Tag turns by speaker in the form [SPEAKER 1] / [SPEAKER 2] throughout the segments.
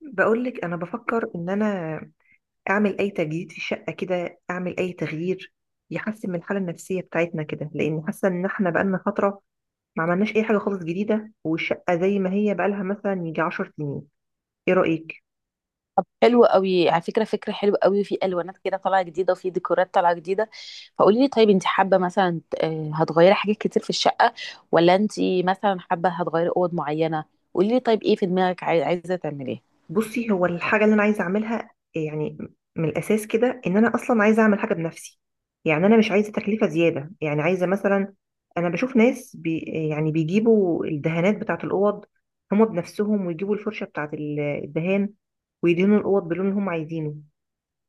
[SPEAKER 1] بقولك انا بفكر ان انا اعمل اي تجديد في الشقه كده، اعمل اي تغيير يحسن من الحاله النفسيه بتاعتنا كده، لان حاسه ان احنا بقالنا فتره ما عملناش اي حاجه خالص جديده، والشقه زي ما هي بقالها مثلا يجي 10 سنين. ايه رايك؟
[SPEAKER 2] طب حلو قوي على فكره، فكره حلوه قوي. في الوانات كده طالعه جديده وفي ديكورات طالعه جديده. فقولي لي طيب انت حابه مثلا هتغيري حاجات كتير في الشقه، ولا انت مثلا حابه هتغيري اوض معينه؟ قولي لي طيب ايه في دماغك عايزه تعمليه؟
[SPEAKER 1] بصي، هو الحاجة اللي أنا عايزة أعملها يعني من الأساس كده إن أنا أصلا عايزة أعمل حاجة بنفسي. يعني أنا مش عايزة تكلفة زيادة، يعني عايزة مثلا، أنا بشوف ناس يعني بيجيبوا الدهانات بتاعة الأوض هما بنفسهم، ويجيبوا الفرشة بتاعة الدهان، ويدهنوا الأوض باللون اللي هما عايزينه،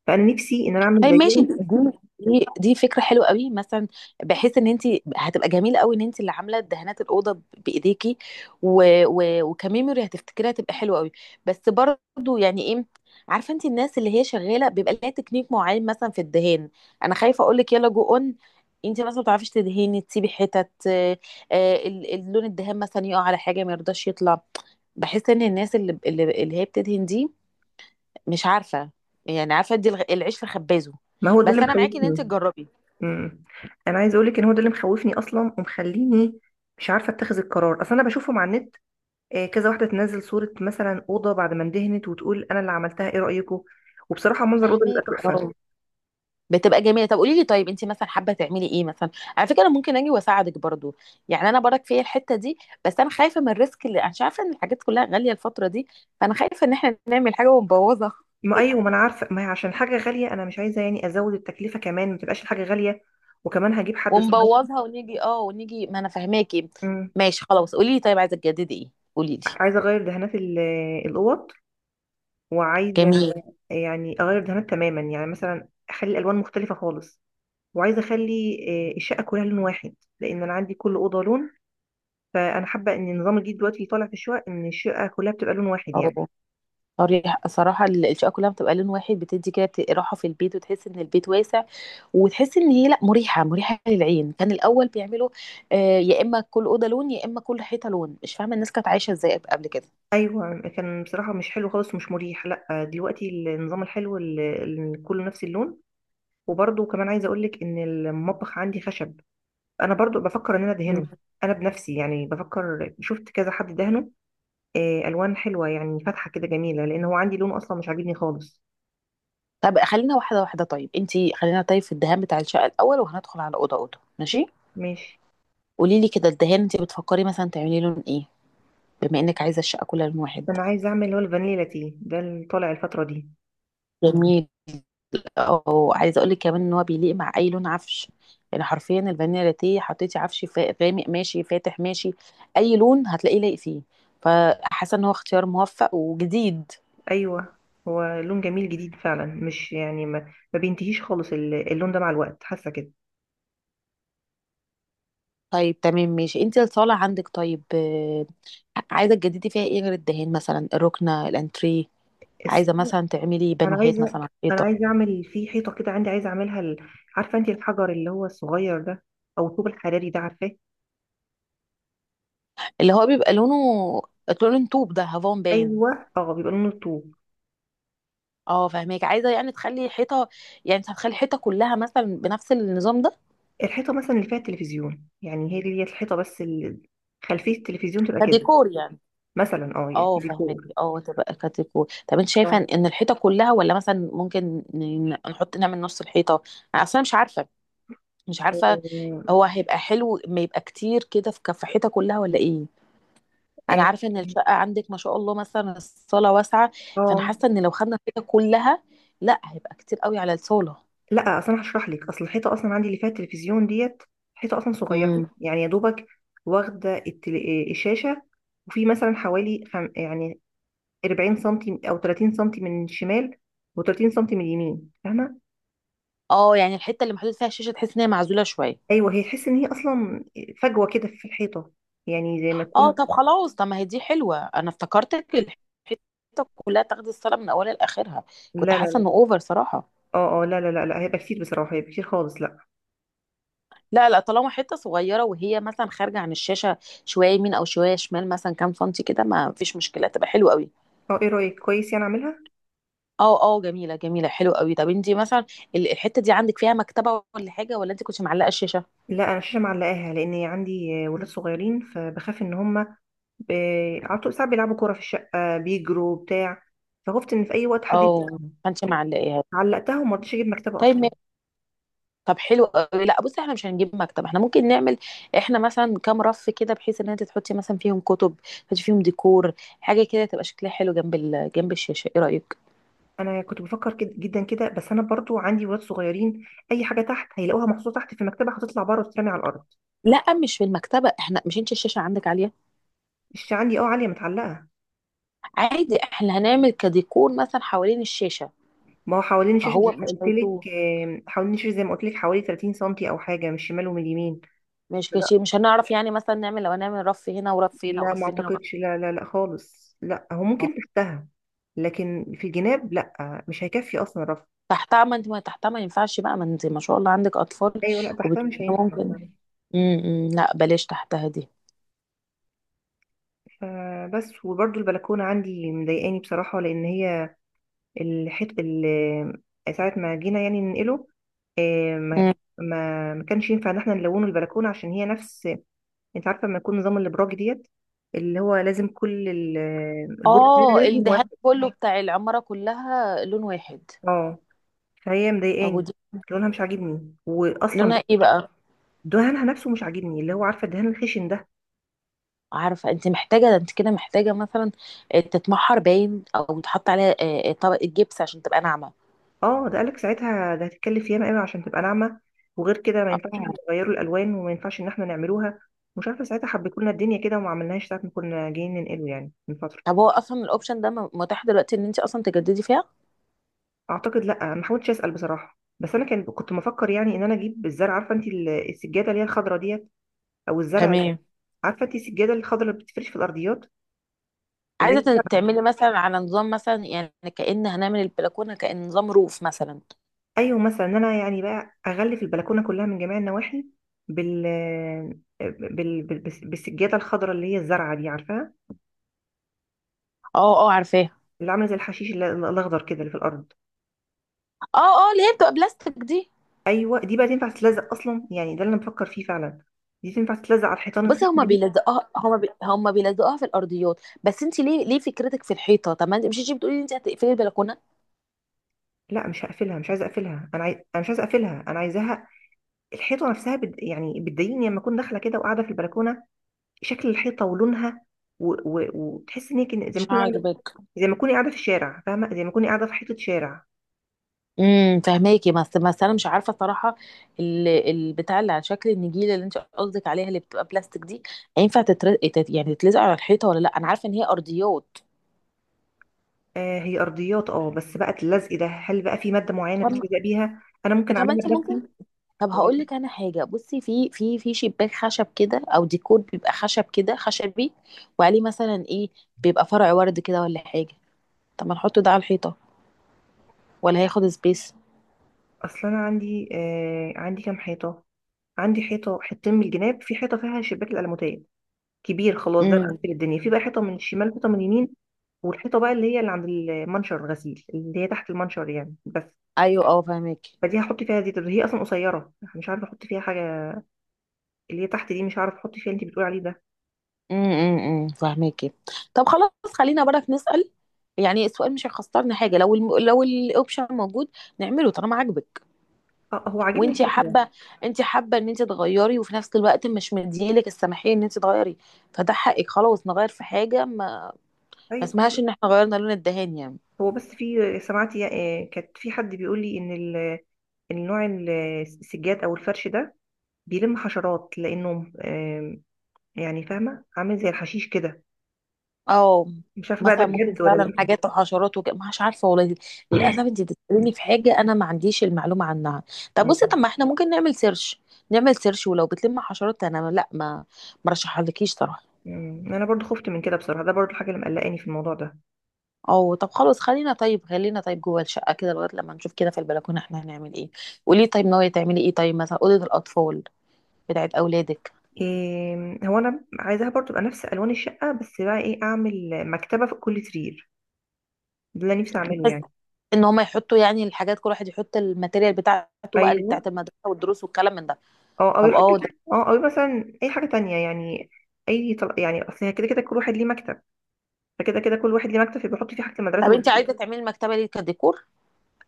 [SPEAKER 1] فأنا نفسي إن أنا أعمل
[SPEAKER 2] طيب ماشي دي
[SPEAKER 1] زيهم.
[SPEAKER 2] دي دي فكره حلوه قوي مثلا، بحيث ان انت هتبقى جميله قوي ان انت اللي عامله دهانات الاوضه بايديكي. و... و... وكميموري هتفتكريها، هتبقى حلوه قوي. بس برضو يعني ايه، عارفه انت الناس اللي هي شغاله بيبقى لها تكنيك معين مثلا في الدهان. انا خايفه اقول لك يلا جو اون، انت مثلا ما بتعرفيش تدهني، تسيبي حتت. اللون الدهان مثلا يقع على حاجه ما يرضاش يطلع. بحس ان الناس اللي هي بتدهن دي مش عارفه، يعني عارفه ادي العيش في خبازه.
[SPEAKER 1] ما هو ده اللي
[SPEAKER 2] بس انا معاكي ان انت
[SPEAKER 1] مخوفني.
[SPEAKER 2] تجربي.
[SPEAKER 1] أمم. أنا عايزة أقولك إن هو ده اللي مخوفني أصلا ومخليني مش عارفة أتخذ القرار أصلا. أنا بشوفهم على النت، كذا واحده تنزل صوره مثلا اوضه بعد ما اندهنت وتقول انا اللي عملتها، ايه رايكم؟ وبصراحه منظر الاوضه بيبقى
[SPEAKER 2] فهماكي،
[SPEAKER 1] تحفه.
[SPEAKER 2] اه بتبقى جميله. طب قولي لي طيب انت مثلا حابه تعملي ايه مثلا؟ على فكره انا ممكن اجي واساعدك برضو، يعني انا برك فيا الحته دي. بس انا خايفه من الريسك اللي، عشان عارفه ان الحاجات كلها غاليه الفتره دي، فانا خايفه ان احنا نعمل حاجه ونبوظها.
[SPEAKER 1] ما ايوه، ما انا عارفه، ما هي عشان حاجه غاليه انا مش عايزه يعني ازود التكلفه، كمان ما تبقاش الحاجه غاليه، وكمان هجيب حد صغير.
[SPEAKER 2] ونبوظها ونيجي، اه ونيجي، ما انا فهماكي.
[SPEAKER 1] مم.
[SPEAKER 2] ماشي خلاص، قولي لي طيب عايزه تجددي ايه؟ قولي لي
[SPEAKER 1] عايزه اغير دهانات الاوض، وعايزه
[SPEAKER 2] جميل.
[SPEAKER 1] يعني اغير دهانات تماما، يعني مثلا اخلي الالوان مختلفه خالص، وعايزه اخلي الشقه كلها لون واحد، لان انا عندي كل اوضه لون. فانا حابه ان النظام الجديد دلوقتي اللي طالع في الشقق ان الشقه كلها بتبقى لون واحد يعني.
[SPEAKER 2] اه، صريح صراحة الشقة كلها بتبقى لون واحد بتدي كده راحة في البيت، وتحس ان البيت واسع، وتحس ان هي لا، مريحة مريحة للعين. كان الأول بيعملوا آه، يا إما كل أوضة لون يا إما كل حيطة لون. مش فاهمة الناس كانت عايشة ازاي قبل كده.
[SPEAKER 1] ايوه، كان بصراحه مش حلو خالص، مش مريح، لا دلوقتي النظام الحلو اللي كله نفس اللون. وبرضه كمان عايزه اقول لك ان المطبخ عندي خشب، انا برضه بفكر ان انا
[SPEAKER 2] مم.
[SPEAKER 1] ادهنه انا بنفسي. يعني بفكر، شفت كذا حد دهنه الوان حلوه، يعني فاتحه كده جميله، لان هو عندي لون اصلا مش عاجبني خالص.
[SPEAKER 2] طب خلينا واحدة واحدة، طيب انتي خلينا طيب في الدهان بتاع الشقة الأول، وهندخل على أوضة أوضة، ماشي.
[SPEAKER 1] ماشي،
[SPEAKER 2] قولي لي كده، الدهان انتي بتفكري مثلا تعملي لون ايه، بما انك عايزة الشقة كلها لون واحد؟
[SPEAKER 1] انا عايزه اعمل اللي هو الفانيلا تي ده اللي طالع الفتره دي.
[SPEAKER 2] جميل. او عايزه اقول لك كمان ان هو بيليق مع اي لون عفش، يعني حرفيا الفانيلا لاتيه، حطيتي عفش غامق ماشي، فاتح ماشي، اي لون هتلاقيه لايق فيه. فحاسه ان هو اختيار موفق وجديد.
[SPEAKER 1] ايوه، هو لون جميل جديد فعلا، مش يعني ما بينتهيش خالص اللون ده مع الوقت، حاسه
[SPEAKER 2] طيب تمام ماشي. انت الصاله عندك طيب، عايزه تجددي فيها ايه غير الدهان؟ مثلا الركنه الانتريه، عايزه
[SPEAKER 1] كده.
[SPEAKER 2] مثلا تعملي
[SPEAKER 1] انا
[SPEAKER 2] بانوهات مثلا
[SPEAKER 1] عايزه،
[SPEAKER 2] على
[SPEAKER 1] انا
[SPEAKER 2] الحيطه؟
[SPEAKER 1] عايزه اعمل في حيطه كده عندي، عايزه اعملها عارفه انت الحجر اللي هو الصغير ده؟ او الطوب الحراري ده، عارفاه؟
[SPEAKER 2] اللي هو بيبقى لونه لون طوب، ده هافون باين.
[SPEAKER 1] ايوه، اه بيبقى لونه الطوب.
[SPEAKER 2] اه فاهمك، عايزه يعني تخلي حيطه، يعني انت هتخلي الحيطه كلها مثلا بنفس النظام ده،
[SPEAKER 1] الحيطه مثلا اللي فيها التلفزيون، يعني هي دي الحيطه، بس خلفيه التلفزيون تبقى كده.
[SPEAKER 2] كديكور يعني؟
[SPEAKER 1] مثلا اه، يعني
[SPEAKER 2] اه فهمت،
[SPEAKER 1] ديكور.
[SPEAKER 2] اه تبقى كاتيكو. طب انت
[SPEAKER 1] اه
[SPEAKER 2] شايفه ان إن الحيطه كلها، ولا مثلا ممكن نحط نعمل نص الحيطه؟ انا اصلا مش عارفه، مش عارفه.
[SPEAKER 1] اه.
[SPEAKER 2] هو هيبقى حلو ما يبقى كتير كده، في كف حيطه كلها ولا ايه؟
[SPEAKER 1] آه،
[SPEAKER 2] انا عارفه ان
[SPEAKER 1] آه.
[SPEAKER 2] الشقه عندك ما شاء الله مثلا الصاله واسعه، فانا
[SPEAKER 1] آه.
[SPEAKER 2] حاسه ان لو خدنا الحيطه كلها لا، هيبقى كتير قوي على الصاله.
[SPEAKER 1] لا اصل انا هشرح لك، اصل الحيطه اصلا عندي اللي فيها التلفزيون ديت حيطه اصلا صغيره.
[SPEAKER 2] امم،
[SPEAKER 1] يعني يا دوبك واخده التل... آه، الشاشه، وفي مثلا حوالي يعني 40 سنتي او 30 سنتي من الشمال، و30 سنتي من اليمين، فاهمه؟
[SPEAKER 2] اه يعني الحته اللي محطوط فيها الشاشه تحس ان هي معزوله شويه.
[SPEAKER 1] ايوه، هي تحس ان هي اصلا فجوه كده في الحيطه، يعني زي ما
[SPEAKER 2] اه
[SPEAKER 1] تكون.
[SPEAKER 2] طب خلاص، طب ما هي دي حلوه، انا افتكرتك الحته كلها تاخدي الصلاه من اولها لاخرها. كنت
[SPEAKER 1] لا لا
[SPEAKER 2] حاسه انه
[SPEAKER 1] لا.
[SPEAKER 2] اوفر صراحه.
[SPEAKER 1] اه اه لا لا لا لا، هيبقى كتير بصراحه، هيبقى كتير خالص، لا.
[SPEAKER 2] لا لا، طالما حته صغيره وهي مثلا خارجه عن الشاشه شويه يمين او شويه شمال، مثلا كام سنتي كده ما فيش مشكله، تبقى حلوه قوي.
[SPEAKER 1] اه ايه رايك؟ كويس يعني، اعملها.
[SPEAKER 2] اه اه جميله جميله، حلوه قوي. طب انت مثلا الحته دي عندك فيها مكتبه ولا حاجه، ولا انت كنت معلقه الشاشه
[SPEAKER 1] لا انا الشاشه معلقاها، لان عندي ولاد صغيرين، فبخاف ان هم ب... على طول ساعات بيلعبوا كوره في الشقه، بيجروا بتاع، فخفت ان في اي وقت حد يبقى.
[SPEAKER 2] او ما كنتش معلقاها؟
[SPEAKER 1] علقتها وما رضيتش اجيب مكتبه
[SPEAKER 2] طيب.
[SPEAKER 1] اصلا.
[SPEAKER 2] طب حلو أوي. لأ بُصّي، إحنا مش هنجيب مكتب، إحنا ممكن نعمل إحنا مثلًا كام رف كده بحيث إن أنتِ تحطّي مثلًا فيهم كُتب، تحطّي فيهم ديكور، حاجة كده تبقى شكلها حلو جنب ال جنب الشاشة، إيه رأيك؟
[SPEAKER 1] انا كنت بفكر كده جدا كده، بس انا برضو عندي ولاد صغيرين، اي حاجه تحت هيلاقوها محطوطه تحت في المكتبه، هتطلع بره وتترمي على الارض.
[SPEAKER 2] لأ مش في المكتبة، إحنا مش، أنتِ الشاشة عندِك عالية؟
[SPEAKER 1] الشاشه عندي اه عاليه، متعلقه.
[SPEAKER 2] عادي، إحنا هنعمل كديكور مثلًا حوالين الشاشة،
[SPEAKER 1] ما هو حوالين الشاشه زي
[SPEAKER 2] فهو
[SPEAKER 1] ما
[SPEAKER 2] مش
[SPEAKER 1] قلت
[SPEAKER 2] هيتوه،
[SPEAKER 1] لك حوالين الشاشه زي ما قلت لك حوالي 30 سنتي او حاجه من الشمال ومن اليمين.
[SPEAKER 2] مش
[SPEAKER 1] لا
[SPEAKER 2] كشي، مش هنعرف يعني مثلًا نعمل، لو هنعمل رف هنا ورف هنا
[SPEAKER 1] لا ما
[SPEAKER 2] ورفين هنا ورف.
[SPEAKER 1] اعتقدش، لا لا لا خالص، لا هو
[SPEAKER 2] آه،
[SPEAKER 1] ممكن تحتها، لكن في الجناب لا، مش هيكفي اصلا رف.
[SPEAKER 2] تحتها، ما أنتِ، ما تحتها ما ينفعش بقى، ما أنتِ ما شاء الله عندِك أطفال
[SPEAKER 1] ايوه لا تحتها مش
[SPEAKER 2] وبتقولي إن
[SPEAKER 1] هينفع.
[SPEAKER 2] ممكن. إمم، إمم، لأ بلاش تحتها دي.
[SPEAKER 1] فبس، وبرضو البلكونه عندي مضايقاني بصراحه، لان هي الحت ال- ساعة ما جينا يعني ننقله، آه، ما
[SPEAKER 2] إمم.
[SPEAKER 1] ما كانش ينفع ان احنا نلونه البلكونة، عشان هي نفس، انت عارفة لما يكون نظام الابراج ديت اللي هو لازم كل البرج
[SPEAKER 2] اه
[SPEAKER 1] لازم
[SPEAKER 2] الدهان
[SPEAKER 1] واحد.
[SPEAKER 2] كله بتاع العمارة كلها لون واحد.
[SPEAKER 1] اه، فهي
[SPEAKER 2] طب
[SPEAKER 1] مضايقاني،
[SPEAKER 2] ودي
[SPEAKER 1] لونها مش عاجبني، واصلا
[SPEAKER 2] لونها ايه بقى؟
[SPEAKER 1] دهانها نفسه مش عاجبني، اللي هو عارفة الدهان الخشن ده.
[SPEAKER 2] عارفة، انت محتاجة ده، انت كده محتاجة مثلا تتمحر باين، او تحط عليها طبقة جبس عشان تبقى ناعمة.
[SPEAKER 1] اه ده، قالك ساعتها ده هتتكلف ياما قوي عشان تبقى ناعمه، وغير كده ما ينفعش
[SPEAKER 2] آه.
[SPEAKER 1] احنا نغيروا الالوان، وما ينفعش ان احنا نعملوها. مش عارفه، ساعتها حبيتوا لنا الدنيا كده وما عملناهاش ساعه ما كنا جايين ننقله يعني من فتره.
[SPEAKER 2] طب هو اصلا الاوبشن ده متاح دلوقتي ان انت اصلا تجددي فيها؟
[SPEAKER 1] اعتقد لا، ما حاولتش اسال بصراحه، بس انا كان كنت مفكر يعني ان انا اجيب الزرع. عارفه انت السجاده اللي هي الخضراء ديت، او الزرع؟
[SPEAKER 2] تمام.
[SPEAKER 1] عارفه انت السجاده الخضراء اللي بتفرش في الارضيات، اللي هي
[SPEAKER 2] عايزة
[SPEAKER 1] الزرع؟
[SPEAKER 2] تعملي مثلا على نظام مثلا، يعني كأن هنعمل البلكونة كأن نظام روف مثلا؟
[SPEAKER 1] ايوه، مثلا ان انا يعني بقى اغلف البلكونه كلها من جميع النواحي بال بالسجاده الخضراء اللي هي الزرعه دي، عارفاها؟
[SPEAKER 2] اه اه عارفاه.
[SPEAKER 1] اللي عامله زي الحشيش الاخضر كده اللي في الارض.
[SPEAKER 2] اه اه اللي هي بتبقى بلاستيك دي.
[SPEAKER 1] ايوه دي بقى تنفع تتلزق اصلا، يعني ده اللي انا بفكر فيه فعلا، دي تنفع تتلزق على الحيطان
[SPEAKER 2] بصي
[SPEAKER 1] الخشنه
[SPEAKER 2] هما
[SPEAKER 1] دي.
[SPEAKER 2] بيلزقوها، هما بي... هما بيلزقوها في الارضيات، بس انت ليه ليه فكرتك في الحيطه؟ طب ما انت مش، انت بتقولي انت هتقفلي البلكونه؟
[SPEAKER 1] لا مش هقفلها، مش عايزه اقفلها، انا عايز، انا مش عايزه اقفلها، انا عايزاها. الحيطه نفسها يعني بتضايقني لما اكون داخله كده وقاعده في البلكونه، شكل الحيطه ولونها، وتحس ان هي زي
[SPEAKER 2] مش
[SPEAKER 1] ما اكون قاعده،
[SPEAKER 2] عاجبك.
[SPEAKER 1] زي ما اكوني قاعده في الشارع، فاهمه؟ زي ما اكوني قاعده في حيطه شارع.
[SPEAKER 2] فهماكي، بس انا مش عارفه صراحه البتاع اللي على شكل النجيله اللي انت قصدك عليها، اللي بتبقى بلاستيك دي، هينفع تتر... تت... يعني تتلزق على الحيطه ولا لا؟ انا عارفه ان هي ارضيات.
[SPEAKER 1] آه هي ارضيات اه، بس بقى اللزق ده هل بقى في ماده معينه
[SPEAKER 2] طب،
[SPEAKER 1] بتلزق بيها، انا ممكن
[SPEAKER 2] طب
[SPEAKER 1] اعملها
[SPEAKER 2] انت ممكن،
[SPEAKER 1] بنفسي؟
[SPEAKER 2] طب هقول
[SPEAKER 1] ولا،
[SPEAKER 2] لك انا حاجه. بصي، في شباك خشب كده، او ديكور بيبقى خشب كده خشبي، وعليه مثلا ايه، بيبقى فرع ورد كده ولا حاجه. طب ما نحط ده على الحيطه، ولا هياخد سبيس؟
[SPEAKER 1] اصل انا عندي آه، عندي كام حيطه. عندي حيطه حتتين من الجناب، في حيطه فيها شباك الالموتيه كبير خلاص، ده
[SPEAKER 2] امم.
[SPEAKER 1] مقفل الدنيا. في بقى حيطه من الشمال، حيطه من اليمين، والحيطه بقى اللي هي اللي عند المنشر الغسيل اللي هي تحت المنشر يعني، بس.
[SPEAKER 2] ايوه اه فاهماكي.
[SPEAKER 1] فدي هحط فيها زيت، هي اصلا قصيره مش عارفه احط فيها حاجه. اللي هي تحت دي مش عارفه احط فيها اللي انت بتقولي عليه ده.
[SPEAKER 2] فاهماكي. طب خلاص خلينا برك نسأل، يعني السؤال مش هيخسرنا حاجه، لو الم... لو الاوبشن موجود نعمله طالما عاجبك
[SPEAKER 1] اه هو عاجبني
[SPEAKER 2] وانت
[SPEAKER 1] الفكره.
[SPEAKER 2] حابه. انت حابه ان انت تغيري وفي نفس الوقت مش مديلك السماحيه ان انت تغيري، فده حقك. خلاص نغير في حاجه، ما ما
[SPEAKER 1] طيب
[SPEAKER 2] اسمهاش
[SPEAKER 1] خلاص.
[SPEAKER 2] ان احنا غيرنا لون الدهان يعني.
[SPEAKER 1] هو بس، في سمعت كانت في حد بيقول لي ان النوع السجاد او الفرش ده بيلم حشرات، لانه يعني فاهمه عامل زي الحشيش كده.
[SPEAKER 2] اه،
[SPEAKER 1] مش عارفه بقى ده
[SPEAKER 2] مثلا ممكن
[SPEAKER 1] بجد ولا
[SPEAKER 2] فعلا
[SPEAKER 1] لا.
[SPEAKER 2] حاجات وحشرات وكده، مش عارفه والله دي، للاسف
[SPEAKER 1] مم.
[SPEAKER 2] انت بتساليني في حاجه انا ما عنديش المعلومه عنها. طب بصي، طب
[SPEAKER 1] مم.
[SPEAKER 2] ما احنا ممكن نعمل سيرش، نعمل سيرش. ولو بتلم حشرات انا لا، ما مرشحهالكيش صراحه.
[SPEAKER 1] مم. انا برضو خفت من كده بصراحه، ده برضو الحاجه اللي مقلقاني في الموضوع ده.
[SPEAKER 2] اه طب خلاص خلينا، طيب خلينا طيب جوه الشقه كده لغايه لما نشوف كده في البلكونه احنا هنعمل ايه. قولي طيب ناويه تعملي ايه، طيب مثلا اوضه الاطفال بتاعت اولادك؟
[SPEAKER 1] إيه، هو انا عايزاها برضو تبقى نفس الوان الشقه، بس بقى ايه، اعمل مكتبه في كل سرير، ده اللي نفسي اعمله
[SPEAKER 2] بحيث
[SPEAKER 1] يعني.
[SPEAKER 2] ان هم يحطوا، يعني الحاجات كل واحد يحط الماتيريال بتاعته بقى، اللي
[SPEAKER 1] ايوه،
[SPEAKER 2] بتاعت المدرسه والدروس والكلام من ده.
[SPEAKER 1] اه او
[SPEAKER 2] طب
[SPEAKER 1] يحط.
[SPEAKER 2] اه،
[SPEAKER 1] اه او مثلا اي حاجه تانية يعني، يعني اصل هي كده كده كل واحد ليه مكتب، فكده كده كل واحد ليه مكتب، فيبقى يحط فيه حاجه المدرسه
[SPEAKER 2] طب انت عايزه تعملي المكتبه دي كديكور؟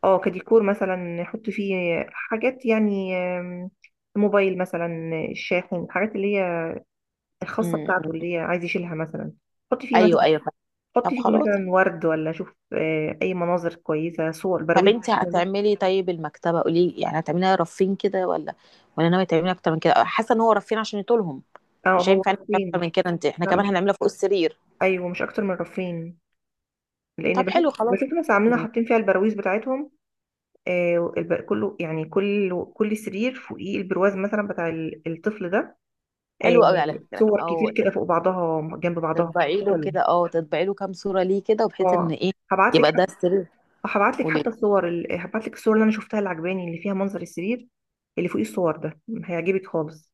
[SPEAKER 1] اه كديكور، مثلا يحط فيه حاجات يعني موبايل مثلا، الشاحن، الحاجات اللي الخاصة بتاعته
[SPEAKER 2] امم.
[SPEAKER 1] اللي هي عايز يشيلها مثلا. حطي فيه
[SPEAKER 2] ايوه
[SPEAKER 1] مثلا
[SPEAKER 2] ايوه فاهمة. طب
[SPEAKER 1] حطي فيه
[SPEAKER 2] خلاص،
[SPEAKER 1] مثلا ورد، ولا شوف أي مناظر كويسة، صور،
[SPEAKER 2] طب
[SPEAKER 1] براويز.
[SPEAKER 2] انت
[SPEAKER 1] مثلاً.
[SPEAKER 2] هتعملي طيب المكتبه، قولي لي يعني هتعمليها رفين كده ولا، ولا ناويه تعمليها اكتر من كده؟ حاسه ان هو رفين عشان يطولهم،
[SPEAKER 1] اه
[SPEAKER 2] مش
[SPEAKER 1] هو
[SPEAKER 2] هينفع نعمل
[SPEAKER 1] رفرين
[SPEAKER 2] اكتر من
[SPEAKER 1] مش،
[SPEAKER 2] كده انت، احنا
[SPEAKER 1] لا
[SPEAKER 2] كمان
[SPEAKER 1] مش،
[SPEAKER 2] هنعملها فوق السرير.
[SPEAKER 1] أيوه مش أكتر من رفرين. لأن
[SPEAKER 2] طب
[SPEAKER 1] بشوف،
[SPEAKER 2] حلو خلاص.
[SPEAKER 1] بشوف ناس عاملين
[SPEAKER 2] مم.
[SPEAKER 1] حاطين فيها البراويز بتاعتهم. كله يعني، كل سرير فوقيه البرواز مثلا بتاع الطفل ده.
[SPEAKER 2] حلو قوي على فكره،
[SPEAKER 1] صور كتير كده فوق بعضها جنب بعضها، مش
[SPEAKER 2] تطبعي له
[SPEAKER 1] حلو.
[SPEAKER 2] كده، اه تطبعي له كام صوره ليه كده، وبحيث ان
[SPEAKER 1] اه
[SPEAKER 2] ايه
[SPEAKER 1] هبعت لك،
[SPEAKER 2] يبقى ده السرير.
[SPEAKER 1] هبعت لك
[SPEAKER 2] قولي.
[SPEAKER 1] حتى هبعت لك الصور اللي انا شفتها اللي عجباني، اللي فيها منظر السرير اللي فوقيه الصور ده، هيعجبك خالص.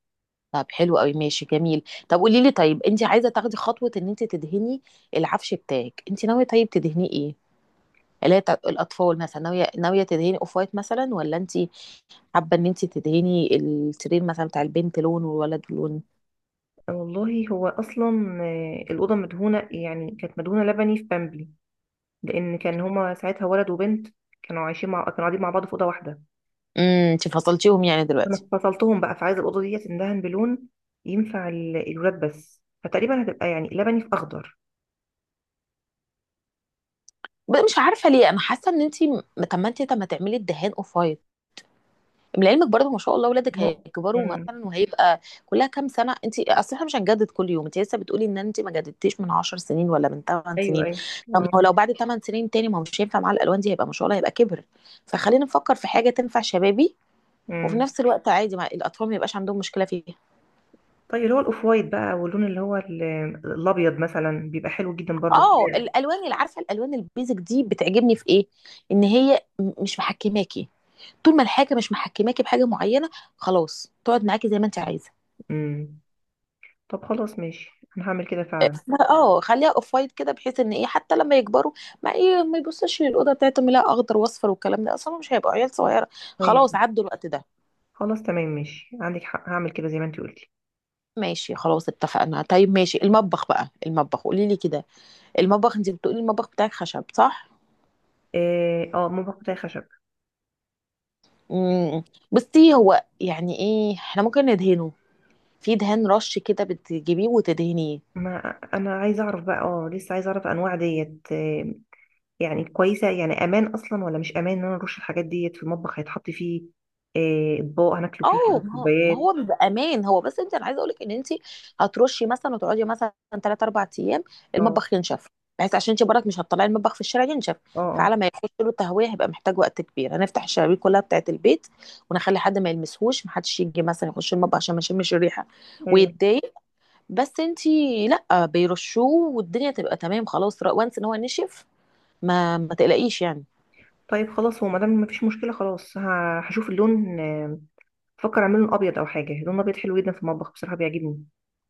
[SPEAKER 2] طب حلو قوي ماشي جميل. طب قولي لي طيب، انت عايزه تاخدي خطوه ان انت تدهني العفش بتاعك؟ انت ناويه طيب تدهنيه ايه اللي هي بتاعت الاطفال مثلا، ناويه ناويه تدهني اوف وايت مثلا، ولا انت حابه ان انت تدهني السرير مثلا بتاع البنت لون والولد لون؟
[SPEAKER 1] آه والله، هو اصلا الاوضه مدهونه، يعني كانت مدهونه لبني في بامبي، لان كان هما ساعتها ولد وبنت، كانوا عايشين مع، كانوا قاعدين مع بعض في اوضه واحده.
[SPEAKER 2] امم، انت فصلتيهم يعني دلوقتي.
[SPEAKER 1] انا فصلتهم بقى، فعايزه الاوضه ديت اندهن بلون ينفع الولاد، بس فتقريبا هتبقى يعني لبني في اخضر.
[SPEAKER 2] مش عارفه ليه انا حاسه ان انت طب ما انت، طب ما تعملي الدهان اوف وايت. لعلمك برضه ما شاء الله ولادك هيكبروا
[SPEAKER 1] مم.
[SPEAKER 2] مثلا، وهيبقى كلها كام سنه، انت اصل احنا مش هنجدد كل يوم. انت لسه بتقولي ان انت ما جددتيش من 10 سنين ولا من 8
[SPEAKER 1] ايوه
[SPEAKER 2] سنين.
[SPEAKER 1] ايوه
[SPEAKER 2] طب ما هو لو بعد 8 سنين تاني ما هو مش هينفع مع الالوان دي، هيبقى ما شاء الله هيبقى كبر. فخلينا نفكر في حاجه تنفع شبابي، وفي
[SPEAKER 1] اه.
[SPEAKER 2] نفس الوقت عادي مع الاطفال ما يبقاش عندهم مشكله فيها.
[SPEAKER 1] طيب، اللي هو الاوف وايت بقى، واللون اللي هو الابيض مثلا، بيبقى حلو جدا برضه في
[SPEAKER 2] اه،
[SPEAKER 1] الشارع.
[SPEAKER 2] الالوان اللي، عارفه الالوان البيزك دي بتعجبني في ايه، ان هي مش محكماكي. طول ما الحاجه مش محكماكي بحاجه معينه خلاص تقعد معاكي زي ما انت عايزه.
[SPEAKER 1] امم. طب خلاص ماشي، انا هعمل كده فعلا.
[SPEAKER 2] اه خليها اوف وايت كده، بحيث ان ايه حتى لما يكبروا، ما ايه ما يبصوش للاوضه بتاعتهم لا اخضر واصفر والكلام ده، اصلا مش هيبقوا عيال صغيره. خلاص
[SPEAKER 1] طيب
[SPEAKER 2] عدوا الوقت ده.
[SPEAKER 1] خلاص تمام ماشي، عندك حق، هعمل كده زي ما انت قلتي.
[SPEAKER 2] ماشي خلاص اتفقنا. طيب ماشي المطبخ بقى، المطبخ قولي لي كده، المطبخ انت بتقولي المطبخ بتاعك خشب صح؟
[SPEAKER 1] اه ممكن، بتاعي خشب.
[SPEAKER 2] امم، بُصّي، هو يعني إيه، إحنا ممكن ندهنه، في دهان رش كده بتجيبيه وتدهنيه.
[SPEAKER 1] ما انا عايزه اعرف بقى، اه لسه عايزه اعرف انواع ديت يعني كويسه يعني، امان اصلا ولا مش امان ان انا نرش الحاجات ديت في المطبخ، هيتحط فيه اطباق هناكله فيه او
[SPEAKER 2] ما هو ما
[SPEAKER 1] كوبايات.
[SPEAKER 2] هو بيبقى أمان، هو بس أنتِ، أنا عايزة أقول لِك إن أنتِ هترُشّي مثلًا وتقعدي مثلًا 3، 4 أيام،
[SPEAKER 1] اه
[SPEAKER 2] المطبخ ينشف، بحيث عشان أنتِ برّك مش هتطلّعي المطبخ في الشارع ينشف.
[SPEAKER 1] اه اه
[SPEAKER 2] فعلى ما يخش له تهوية هيبقى محتاج وقت كبير، هنفتح الشبابيك كلّها بتاعة البيت ونخلّي حد ما يلمسهوش، ما حدش ييجي مثلًا يخش المطبخ عشان ما يشمّش الريحة
[SPEAKER 1] ايوه.
[SPEAKER 2] ويتضايق. بس أنتِ لأ، بيرشّوه والدنيا تبقى تمام خلاص، ر once إن هو نشف ما ما تقلقيش يعني.
[SPEAKER 1] طيب خلاص، هو ما دام مفيش مشكله خلاص، هشوف اللون. بفكر اعمله ابيض، او حاجه، لون ابيض حلو جدا في المطبخ بصراحه بيعجبني،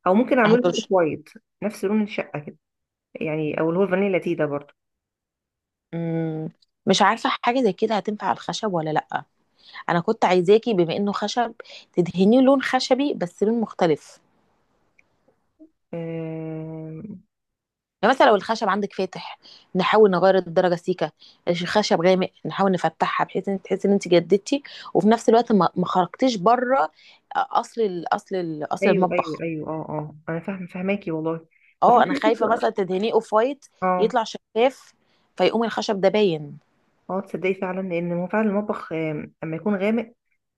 [SPEAKER 1] او ممكن اعمله اوف
[SPEAKER 2] هترش.
[SPEAKER 1] وايت نفس لون الشقه كده، يعني او اللي هو الفانيلا لاتيه ده برضه.
[SPEAKER 2] مم. مش عارفة حاجة زي كده هتنفع على الخشب ولا لأ. أنا كنت عايزاكي بما إنه خشب تدهنيه لون خشبي بس لون مختلف،
[SPEAKER 1] آم،
[SPEAKER 2] يعني مثلا لو الخشب عندك فاتح نحاول نغير الدرجة سيكة، الخشب غامق نحاول نفتحها، بحيث إن تحسي إن أنت جددتي وفي نفس الوقت ما ما خرجتيش بره. أصل
[SPEAKER 1] ايوه ايوه
[SPEAKER 2] المطبخ،
[SPEAKER 1] ايوه اه اه، انا فاهم، فاهماكي والله. بس
[SPEAKER 2] أه
[SPEAKER 1] انا
[SPEAKER 2] أنا خايفة
[SPEAKER 1] حاسة-
[SPEAKER 2] مثلا تدهنيه أوف وايت
[SPEAKER 1] اه
[SPEAKER 2] يطلع شفاف، فيقوم الخشب ده باين.
[SPEAKER 1] اه تصدقي فعلا، لان هو فعلا المطبخ اما يكون غامق،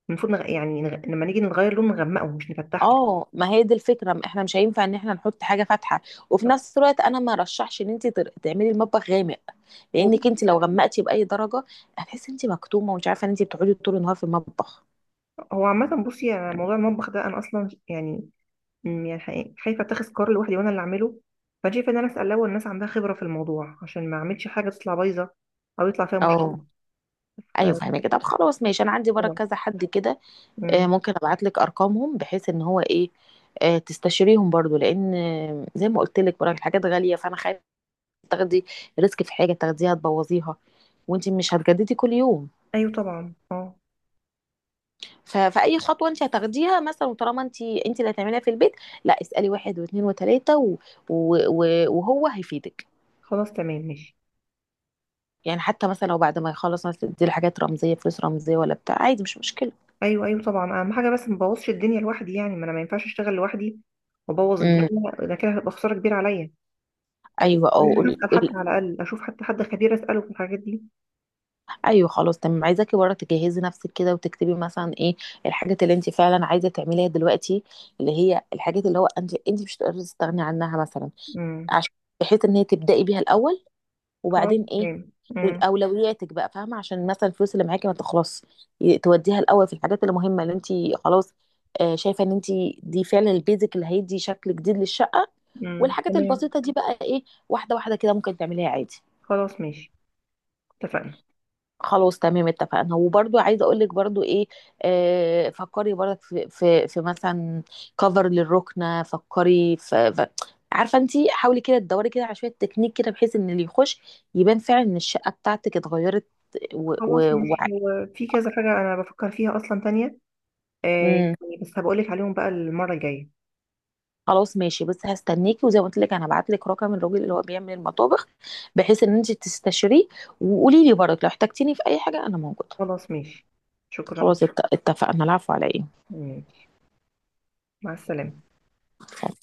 [SPEAKER 1] المفروض لما نيجي نغير لون، نغمقه مش نفتحه.
[SPEAKER 2] اه ما هي دي الفكره، ما احنا مش هينفع ان احنا نحط حاجه فاتحه، وفي نفس الوقت انا ما رشحش ان انت تعملي المطبخ غامق،
[SPEAKER 1] هو
[SPEAKER 2] لانك
[SPEAKER 1] بص،
[SPEAKER 2] انت لو غمقتي باي درجه هتحسي انت مكتومه، ومش عارفه ان انت بتقعدي طول النهار في المطبخ.
[SPEAKER 1] هو عامة بصي يعني موضوع المطبخ ده أنا أصلا يعني يعني حقيقي خايفه اتخذ قرار لوحدي وانا اللي اعمله، فانا شايفه ان انا اسال الاول الناس عندها خبره في الموضوع، عشان ما اعملش حاجه تطلع بايظه او يطلع فيها مشكله.
[SPEAKER 2] اه ايوه
[SPEAKER 1] ف-
[SPEAKER 2] فاهمه كده. طب خلاص ماشي، انا عندي برك
[SPEAKER 1] طبعا.
[SPEAKER 2] كذا حد كده،
[SPEAKER 1] أمم،
[SPEAKER 2] ممكن ابعت لك ارقامهم بحيث ان هو ايه، تستشيريهم برضو. لان زي ما قلت لك برك الحاجات غاليه، فانا خايفه تاخدي ريسك في حاجه تاخديها تبوظيها، وانت مش هتجددي كل يوم.
[SPEAKER 1] ايوه طبعا اه.
[SPEAKER 2] ف- فاي خطوه انت هتاخديها مثلا، وطالما انت انت اللي هتعمليها في البيت، لا اسالي واحد واثنين وثلاثه و... و... وهو هيفيدك.
[SPEAKER 1] خلاص تمام ماشي.
[SPEAKER 2] يعني حتى مثلا لو بعد ما يخلص مثلا تدي حاجات رمزيه، فلوس رمزيه ولا بتاع، عادي مش مشكله.
[SPEAKER 1] ايوه ايوه طبعا، اهم حاجه بس ما بوظش الدنيا لوحدي، يعني ما انا ما ينفعش اشتغل لوحدي وابوظ
[SPEAKER 2] امم.
[SPEAKER 1] الدنيا، ده كده هتبقى خساره كبيره عليا.
[SPEAKER 2] ايوه اه
[SPEAKER 1] لازم
[SPEAKER 2] قولي
[SPEAKER 1] اسال حتى
[SPEAKER 2] قولي.
[SPEAKER 1] على الاقل، اشوف حتى حد خبير اساله في الحاجات دي.
[SPEAKER 2] ايوه خلاص تمام. عايزاكي بره تجهزي نفسك كده وتكتبي مثلا ايه الحاجات اللي انت فعلا عايزه تعمليها دلوقتي، اللي هي الحاجات اللي هو انت، انت مش هتقدري تستغني عنها مثلا،
[SPEAKER 1] امم.
[SPEAKER 2] عشان بحيث ان هي تبداي بيها الاول.
[SPEAKER 1] خلاص
[SPEAKER 2] وبعدين ايه،
[SPEAKER 1] تمام. امم.
[SPEAKER 2] اولوياتك بقى فاهمه، عشان مثلا الفلوس اللي معاكي ما تخلص توديها الاول في الحاجات اللي مهمه اللي انت، خلاص شايفه ان انت دي فعلا البيزك اللي هيدي شكل جديد للشقه. والحاجات
[SPEAKER 1] تمام.
[SPEAKER 2] البسيطه دي بقى ايه، واحده واحده كده ممكن تعمليها عادي.
[SPEAKER 1] خلاص ماشي، اتفقنا.
[SPEAKER 2] خلاص تمام اتفقنا. وبرضو عايزه اقول لك برضو ايه، آه فكري برضك في مثلا كفر للركنه، فكري في عارفه انت، حاولي كده تدوري كده على شويه تكنيك كده بحيث ان اللي يخش يبان فعلا ان الشقه بتاعتك اتغيرت.
[SPEAKER 1] خلاص مش، في كذا حاجة أنا بفكر فيها أصلا تانية آه،
[SPEAKER 2] امم.
[SPEAKER 1] يعني، بس هبقولك عليهم بقى المرة الجاية.
[SPEAKER 2] خلاص ماشي، بس هستناكي. وزي ما قلت لك انا هبعت لك رقم الراجل اللي هو بيعمل المطابخ بحيث ان انت تستشيريه، وقولي لي برضك لو احتجتيني في اي حاجه انا موجوده.
[SPEAKER 1] خلاص ماشي، شكرا.
[SPEAKER 2] خلاص اتفقنا. العفو على
[SPEAKER 1] ماشي، مع السلامة.
[SPEAKER 2] ايه.